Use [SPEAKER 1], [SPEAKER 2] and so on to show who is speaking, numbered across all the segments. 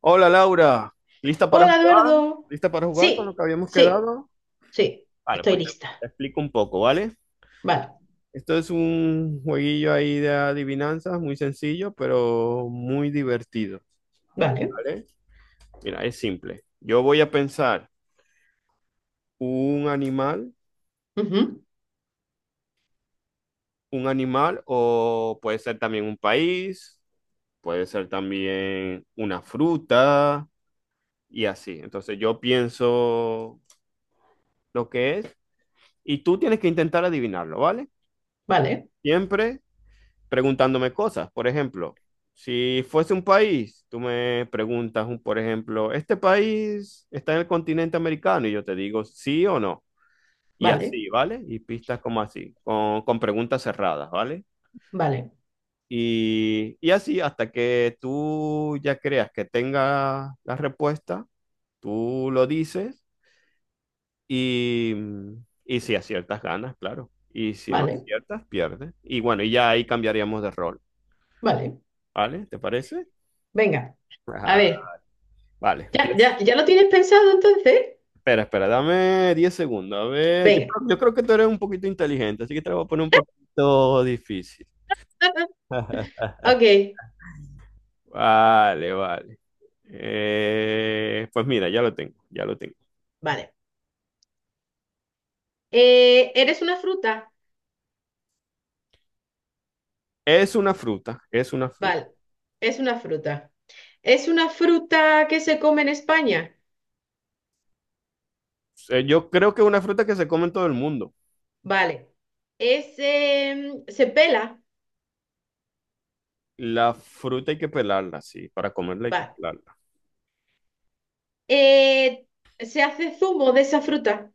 [SPEAKER 1] Hola Laura, ¿lista para
[SPEAKER 2] Hola,
[SPEAKER 1] jugar?
[SPEAKER 2] Eduardo.
[SPEAKER 1] ¿Lista para jugar con lo
[SPEAKER 2] Sí,
[SPEAKER 1] que habíamos
[SPEAKER 2] sí,
[SPEAKER 1] quedado?
[SPEAKER 2] sí,
[SPEAKER 1] Vale,
[SPEAKER 2] estoy
[SPEAKER 1] pues te
[SPEAKER 2] lista.
[SPEAKER 1] explico un poco, ¿vale?
[SPEAKER 2] Vale,
[SPEAKER 1] Esto es un jueguillo ahí de adivinanzas, muy sencillo, pero muy divertido,
[SPEAKER 2] vale,
[SPEAKER 1] ¿vale? Mira, es simple. Yo voy a pensar un animal,
[SPEAKER 2] ujú,
[SPEAKER 1] un animal o puede ser también un país, puede ser también una fruta y así. Entonces yo pienso lo que es y tú tienes que intentar adivinarlo, ¿vale?
[SPEAKER 2] vale,
[SPEAKER 1] Siempre preguntándome cosas. Por ejemplo, si fuese un país, tú me preguntas, por ejemplo, ¿este país está en el continente americano? Y yo te digo sí o no. Y
[SPEAKER 2] vale,
[SPEAKER 1] así, ¿vale? Y pistas como así, con preguntas cerradas, ¿vale?
[SPEAKER 2] vale,
[SPEAKER 1] Y así, hasta que tú ya creas que tenga la respuesta, tú lo dices y, y si aciertas, ganas, claro. Y si no
[SPEAKER 2] vale,
[SPEAKER 1] aciertas, pierdes. Y bueno, y ya ahí cambiaríamos de rol,
[SPEAKER 2] vale.
[SPEAKER 1] ¿vale? ¿Te parece?
[SPEAKER 2] Venga, a ver,
[SPEAKER 1] Vale,
[SPEAKER 2] ¿ya,
[SPEAKER 1] empieza.
[SPEAKER 2] ya, ya lo tienes pensado entonces?
[SPEAKER 1] Espera, espera, dame 10 segundos. A ver, yo,
[SPEAKER 2] Venga.
[SPEAKER 1] creo yo creo que tú eres un poquito inteligente, así que te lo voy a poner un poquito difícil.
[SPEAKER 2] Ok,
[SPEAKER 1] Vale, vale. Pues mira, ya lo tengo, ya lo tengo.
[SPEAKER 2] vale. ¿eres una fruta?
[SPEAKER 1] Es una fruta, es una fruta.
[SPEAKER 2] Vale, es una fruta. ¿Es una fruta que se come en España?
[SPEAKER 1] Yo creo que es una fruta que se come en todo el mundo.
[SPEAKER 2] Vale. ¿Es, se pela?
[SPEAKER 1] La fruta hay que pelarla, sí, para comerla hay que
[SPEAKER 2] Vale.
[SPEAKER 1] pelarla.
[SPEAKER 2] Eh, ¿se hace zumo de esa fruta?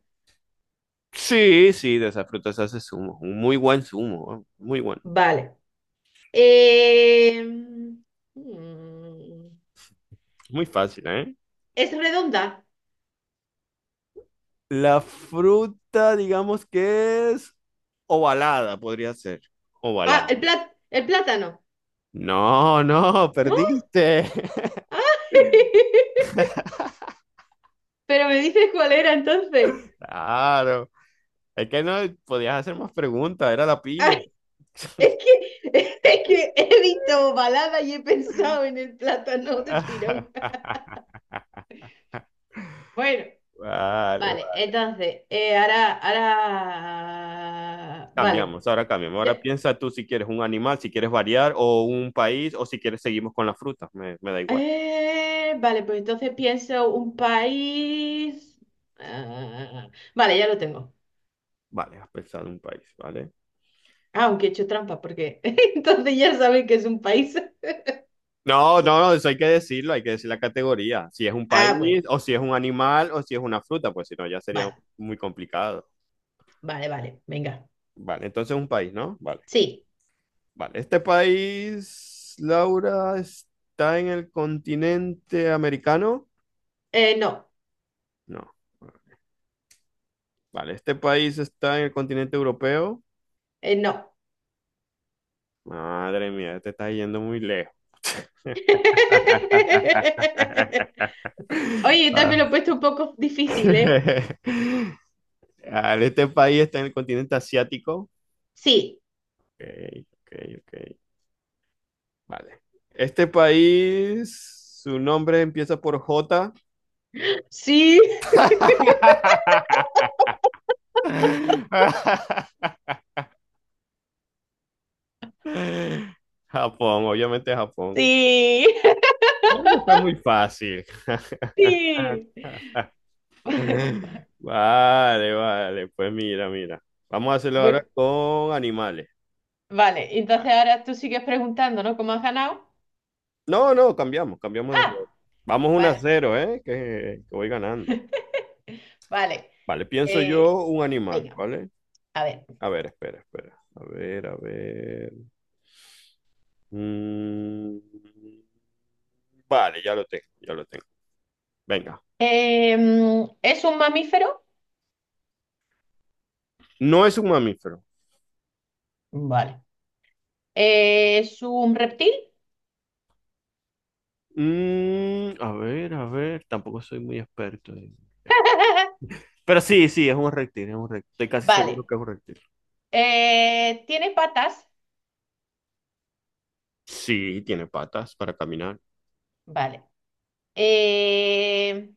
[SPEAKER 1] Sí, sí, de esa fruta se hace zumo, un muy buen zumo, ¿eh? Muy bueno,
[SPEAKER 2] Vale. Eh, mm,
[SPEAKER 1] muy fácil, ¿eh?
[SPEAKER 2] es redonda.
[SPEAKER 1] La fruta, digamos que es ovalada, podría ser.
[SPEAKER 2] Ah,
[SPEAKER 1] Ovalada.
[SPEAKER 2] el plátano.
[SPEAKER 1] No, no,
[SPEAKER 2] ¿No?
[SPEAKER 1] perdiste.
[SPEAKER 2] Ah, pero me dices cuál era entonces.
[SPEAKER 1] Claro. Es que no podías hacer más preguntas, era la piña.
[SPEAKER 2] Ah, es que, es que he visto balada y he pensado en el plátano del
[SPEAKER 1] Vale,
[SPEAKER 2] tirón. Bueno,
[SPEAKER 1] vale.
[SPEAKER 2] vale, entonces, ahora, vale.
[SPEAKER 1] Cambiamos.
[SPEAKER 2] Ya-
[SPEAKER 1] Ahora piensa tú si quieres un animal, si quieres variar, o un país, o si quieres seguimos con la fruta. Me da igual.
[SPEAKER 2] vale, pues entonces pienso un país. Ah, vale, ya lo tengo.
[SPEAKER 1] Vale, has pensado en un país, ¿vale?
[SPEAKER 2] Ah, aunque he hecho trampa, porque entonces ya saben que es un país.
[SPEAKER 1] No, no, no, eso hay que decirlo, hay que decir la categoría. Si es un
[SPEAKER 2] Ah, bueno,
[SPEAKER 1] país, o si es un animal, o si es una fruta, pues si no, ya sería
[SPEAKER 2] vale,
[SPEAKER 1] muy complicado.
[SPEAKER 2] vale, vale, venga.
[SPEAKER 1] Vale, entonces un país, ¿no? Vale,
[SPEAKER 2] Sí,
[SPEAKER 1] vale. Este país, Laura, está en el continente americano.
[SPEAKER 2] no,
[SPEAKER 1] No. Vale, este país está en el continente europeo.
[SPEAKER 2] no.
[SPEAKER 1] Madre mía, te estás yendo muy lejos.
[SPEAKER 2] Oye, también
[SPEAKER 1] Ah.
[SPEAKER 2] lo he puesto un poco difícil, ¿eh?
[SPEAKER 1] Vale, este país está en el continente asiático.
[SPEAKER 2] Sí,
[SPEAKER 1] Ok, ok, ok. Vale. Este país, su nombre empieza por J.
[SPEAKER 2] sí,
[SPEAKER 1] Japón, obviamente Japón.
[SPEAKER 2] sí,
[SPEAKER 1] Eso fue muy fácil.
[SPEAKER 2] sí.
[SPEAKER 1] Vale, vale. Pues mira, mira. Vamos a hacerlo
[SPEAKER 2] Bueno,
[SPEAKER 1] ahora con animales.
[SPEAKER 2] vale,
[SPEAKER 1] Vale.
[SPEAKER 2] entonces ahora tú sigues preguntando, ¿no? ¿Cómo has ganado?
[SPEAKER 1] No, no, cambiamos, cambiamos de rol.
[SPEAKER 2] Ah,
[SPEAKER 1] Vamos 1 a
[SPEAKER 2] vale,
[SPEAKER 1] 0, ¿eh? que voy ganando.
[SPEAKER 2] vale.
[SPEAKER 1] Vale, pienso
[SPEAKER 2] Eh,
[SPEAKER 1] yo un animal,
[SPEAKER 2] venga,
[SPEAKER 1] ¿vale?
[SPEAKER 2] a ver.
[SPEAKER 1] A ver, espera, espera. A ver, a ver. Mm, vale, ya lo tengo, ya lo tengo. Venga.
[SPEAKER 2] ¿es un mamífero?
[SPEAKER 1] No es un mamífero.
[SPEAKER 2] Vale. ¿Es un reptil?
[SPEAKER 1] A ver, a ver. Tampoco soy muy experto. Pero sí, sí, es un reptil, es un reptil. Estoy casi seguro
[SPEAKER 2] Vale.
[SPEAKER 1] que es un reptil.
[SPEAKER 2] ¿Tiene patas?
[SPEAKER 1] Sí, tiene patas para caminar.
[SPEAKER 2] Vale. Eh,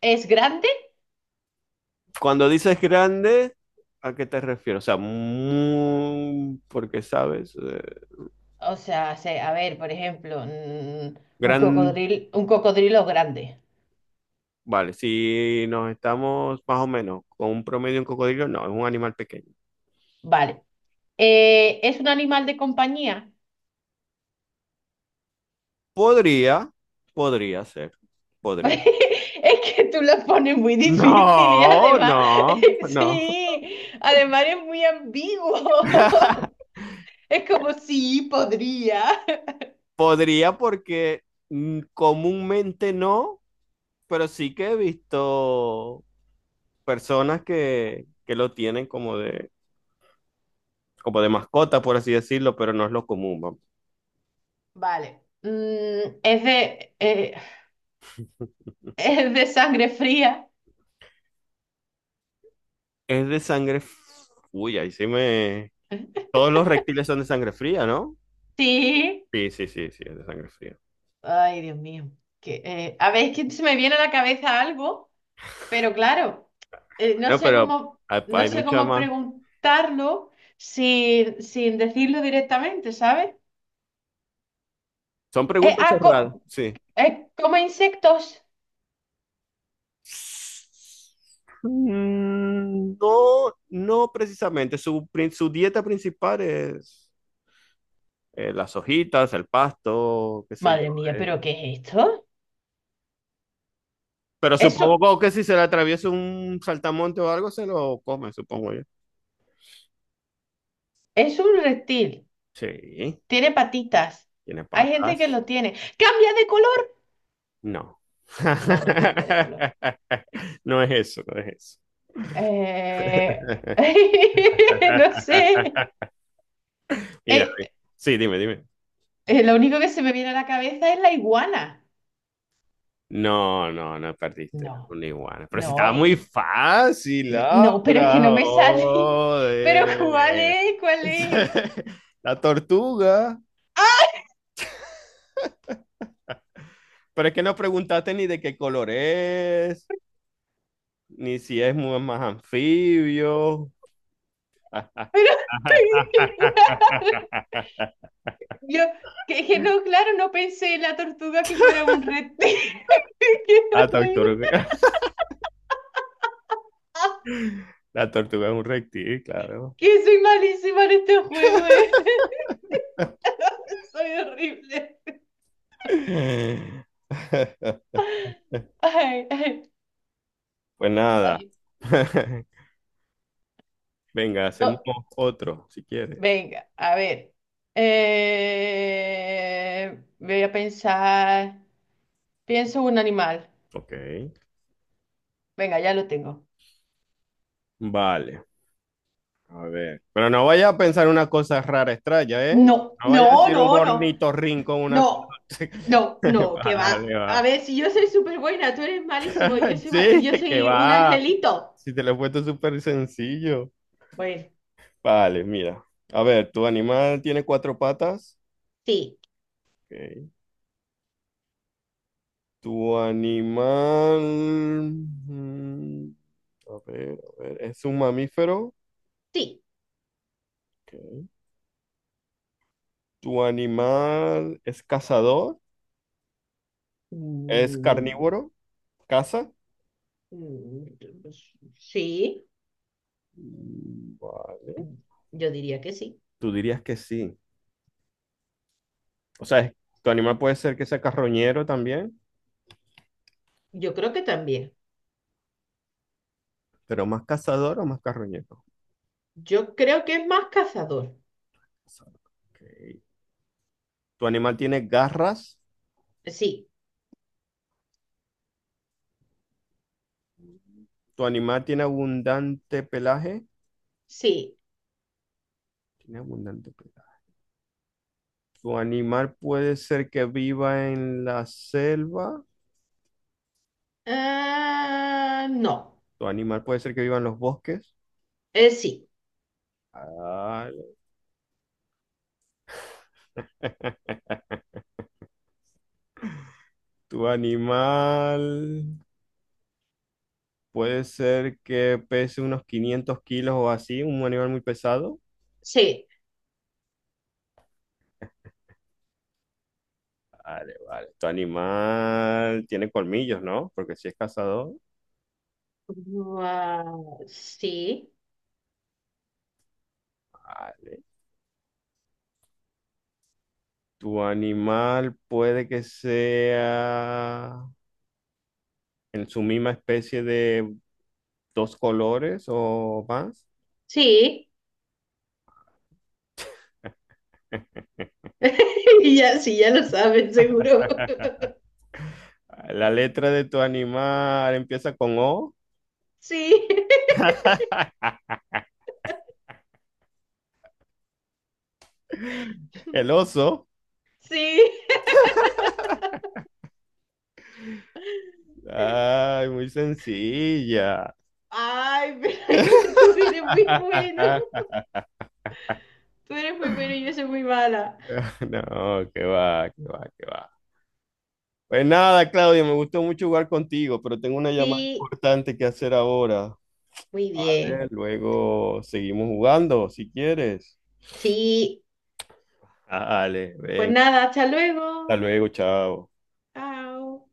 [SPEAKER 2] ¿Es grande?
[SPEAKER 1] Cuando dices grande, ¿a qué te refieres? O sea, muy, porque sabes.
[SPEAKER 2] O sea, a ver, por ejemplo,
[SPEAKER 1] Gran...
[SPEAKER 2] un cocodrilo grande.
[SPEAKER 1] Vale, si nos estamos más o menos con un promedio en cocodrilo, no, es un animal pequeño.
[SPEAKER 2] Vale. ¿Es un animal de compañía?
[SPEAKER 1] Podría, podría ser, podría.
[SPEAKER 2] Es que tú lo pones muy difícil y
[SPEAKER 1] No,
[SPEAKER 2] además,
[SPEAKER 1] no, no.
[SPEAKER 2] sí, además es muy ambiguo. Es como, sí, podría.
[SPEAKER 1] Podría porque comúnmente no, pero sí que he visto personas que lo tienen como de mascota, por así decirlo, pero no es lo común, vamos.
[SPEAKER 2] Vale. Es de, es de sangre fría.
[SPEAKER 1] Es de sangre. Uy, ahí sí me. Todos los reptiles son de sangre fría, ¿no?
[SPEAKER 2] Sí.
[SPEAKER 1] Sí, sí, sí, sí, es de sangre fría.
[SPEAKER 2] Ay, Dios mío. Que, a ver, es que se me viene a la cabeza algo, pero claro, no
[SPEAKER 1] Bueno,
[SPEAKER 2] sé
[SPEAKER 1] pero
[SPEAKER 2] cómo,
[SPEAKER 1] hay,
[SPEAKER 2] no
[SPEAKER 1] hay
[SPEAKER 2] sé
[SPEAKER 1] mucha
[SPEAKER 2] cómo
[SPEAKER 1] más.
[SPEAKER 2] preguntarlo sin decirlo directamente, ¿sabes?
[SPEAKER 1] Son
[SPEAKER 2] Eh,
[SPEAKER 1] preguntas
[SPEAKER 2] ah, co-
[SPEAKER 1] cerradas, sí.
[SPEAKER 2] come insectos.
[SPEAKER 1] No, no precisamente. Su dieta principal es las hojitas, el pasto, qué sé yo.
[SPEAKER 2] Madre mía,
[SPEAKER 1] eh.
[SPEAKER 2] ¿pero qué es esto?
[SPEAKER 1] Pero
[SPEAKER 2] Eso
[SPEAKER 1] supongo que si se le atraviesa un saltamonte o algo, se lo come, supongo yo.
[SPEAKER 2] es un reptil.
[SPEAKER 1] Sí,
[SPEAKER 2] Tiene patitas.
[SPEAKER 1] tiene
[SPEAKER 2] Hay gente que
[SPEAKER 1] patas.
[SPEAKER 2] lo tiene. ¡Cambia de color!
[SPEAKER 1] No.
[SPEAKER 2] No, no cambia de color.
[SPEAKER 1] No es eso, no es eso.
[SPEAKER 2] Eh, no sé.
[SPEAKER 1] Mira,
[SPEAKER 2] Eh,
[SPEAKER 1] sí, dime, dime.
[SPEAKER 2] lo único que se me viene a la cabeza es la iguana.
[SPEAKER 1] No, no, no perdiste
[SPEAKER 2] No,
[SPEAKER 1] un iguana. Pero si
[SPEAKER 2] no,
[SPEAKER 1] estaba muy
[SPEAKER 2] y-
[SPEAKER 1] fácil,
[SPEAKER 2] no, pero es que
[SPEAKER 1] Laura,
[SPEAKER 2] no me sale. Pero ¿cuál
[SPEAKER 1] joder.
[SPEAKER 2] es? ¿Cuál es?
[SPEAKER 1] La tortuga.
[SPEAKER 2] ¡Ah!
[SPEAKER 1] Pero es que no preguntaste ni de qué color es, ni si es más anfibio.
[SPEAKER 2] Pero que claro, yo que no, claro, no pensé en la tortuga que fuera un reptil. Qué
[SPEAKER 1] La
[SPEAKER 2] horrible.
[SPEAKER 1] tortuga. La tortuga es un reptil, claro.
[SPEAKER 2] Que soy malísima en este juego, ¿eh? Soy horrible. Ay, ay,
[SPEAKER 1] Pues nada.
[SPEAKER 2] ay.
[SPEAKER 1] Venga, hacemos
[SPEAKER 2] No.
[SPEAKER 1] otro, si quieres.
[SPEAKER 2] Venga, a ver. Voy a pensar. Pienso un animal.
[SPEAKER 1] Ok,
[SPEAKER 2] Venga, ya lo tengo.
[SPEAKER 1] vale, a ver. Pero no vaya a pensar una cosa rara, extraña, ¿eh?
[SPEAKER 2] No,
[SPEAKER 1] No vaya a
[SPEAKER 2] no,
[SPEAKER 1] decir un
[SPEAKER 2] no, no,
[SPEAKER 1] ornitorrinco, una
[SPEAKER 2] no,
[SPEAKER 1] cosa.
[SPEAKER 2] no, no, que va.
[SPEAKER 1] Vale,
[SPEAKER 2] A
[SPEAKER 1] va.
[SPEAKER 2] ver, si yo soy súper buena, tú eres malísimo y yo soy,
[SPEAKER 1] Sí,
[SPEAKER 2] yo
[SPEAKER 1] que
[SPEAKER 2] soy un
[SPEAKER 1] va.
[SPEAKER 2] angelito.
[SPEAKER 1] Si te lo he puesto súper sencillo.
[SPEAKER 2] Bueno.
[SPEAKER 1] Vale, mira. A ver, ¿tu animal tiene cuatro patas?
[SPEAKER 2] Sí,
[SPEAKER 1] Ok. ¿Tu animal? mm, a ver, ¿es un mamífero?
[SPEAKER 2] sí.
[SPEAKER 1] Ok. ¿Tu animal es cazador? ¿Es
[SPEAKER 2] Mm,
[SPEAKER 1] carnívoro? ¿Caza?
[SPEAKER 2] mm, pues, sí,
[SPEAKER 1] Mm, vale.
[SPEAKER 2] yo diría que sí.
[SPEAKER 1] Tú dirías que sí. O sea, tu animal puede ser que sea carroñero también,
[SPEAKER 2] Yo creo que también.
[SPEAKER 1] pero más cazador o más carroñero.
[SPEAKER 2] Yo creo que es más cazador.
[SPEAKER 1] Cazador. Ok. Tu animal tiene garras.
[SPEAKER 2] Sí,
[SPEAKER 1] Tu animal tiene abundante pelaje.
[SPEAKER 2] sí.
[SPEAKER 1] Tiene abundante pelaje. Tu animal puede ser que viva en la selva.
[SPEAKER 2] Ah, no,
[SPEAKER 1] Tu animal puede ser que viva en los bosques.
[SPEAKER 2] eh, sí,
[SPEAKER 1] Vale. Tu animal puede ser que pese unos 500 kilos o así, un animal muy pesado.
[SPEAKER 2] sí,
[SPEAKER 1] Vale, vale. Tu animal tiene colmillos, ¿no? Porque si es cazador.
[SPEAKER 2] ah, sí,
[SPEAKER 1] Vale. Tu animal puede que sea en su misma especie de dos colores o más.
[SPEAKER 2] sí, ya, sí, ya lo saben, seguro.
[SPEAKER 1] La letra de tu animal empieza con O.
[SPEAKER 2] Sí,
[SPEAKER 1] El oso.
[SPEAKER 2] sí.
[SPEAKER 1] Ay, muy sencilla.
[SPEAKER 2] Ay, pero es que tú eres muy bueno. Tú eres muy bueno y yo soy muy mala.
[SPEAKER 1] No, que va, que va, que va. Pues nada, Claudio, me gustó mucho jugar contigo, pero tengo una llamada
[SPEAKER 2] Sí,
[SPEAKER 1] importante que hacer ahora.
[SPEAKER 2] muy
[SPEAKER 1] ¿Vale?
[SPEAKER 2] bien.
[SPEAKER 1] Luego seguimos jugando, si quieres.
[SPEAKER 2] Sí,
[SPEAKER 1] Ah, dale,
[SPEAKER 2] pues
[SPEAKER 1] venga,
[SPEAKER 2] nada, hasta
[SPEAKER 1] hasta
[SPEAKER 2] luego.
[SPEAKER 1] luego, chao.
[SPEAKER 2] Chao.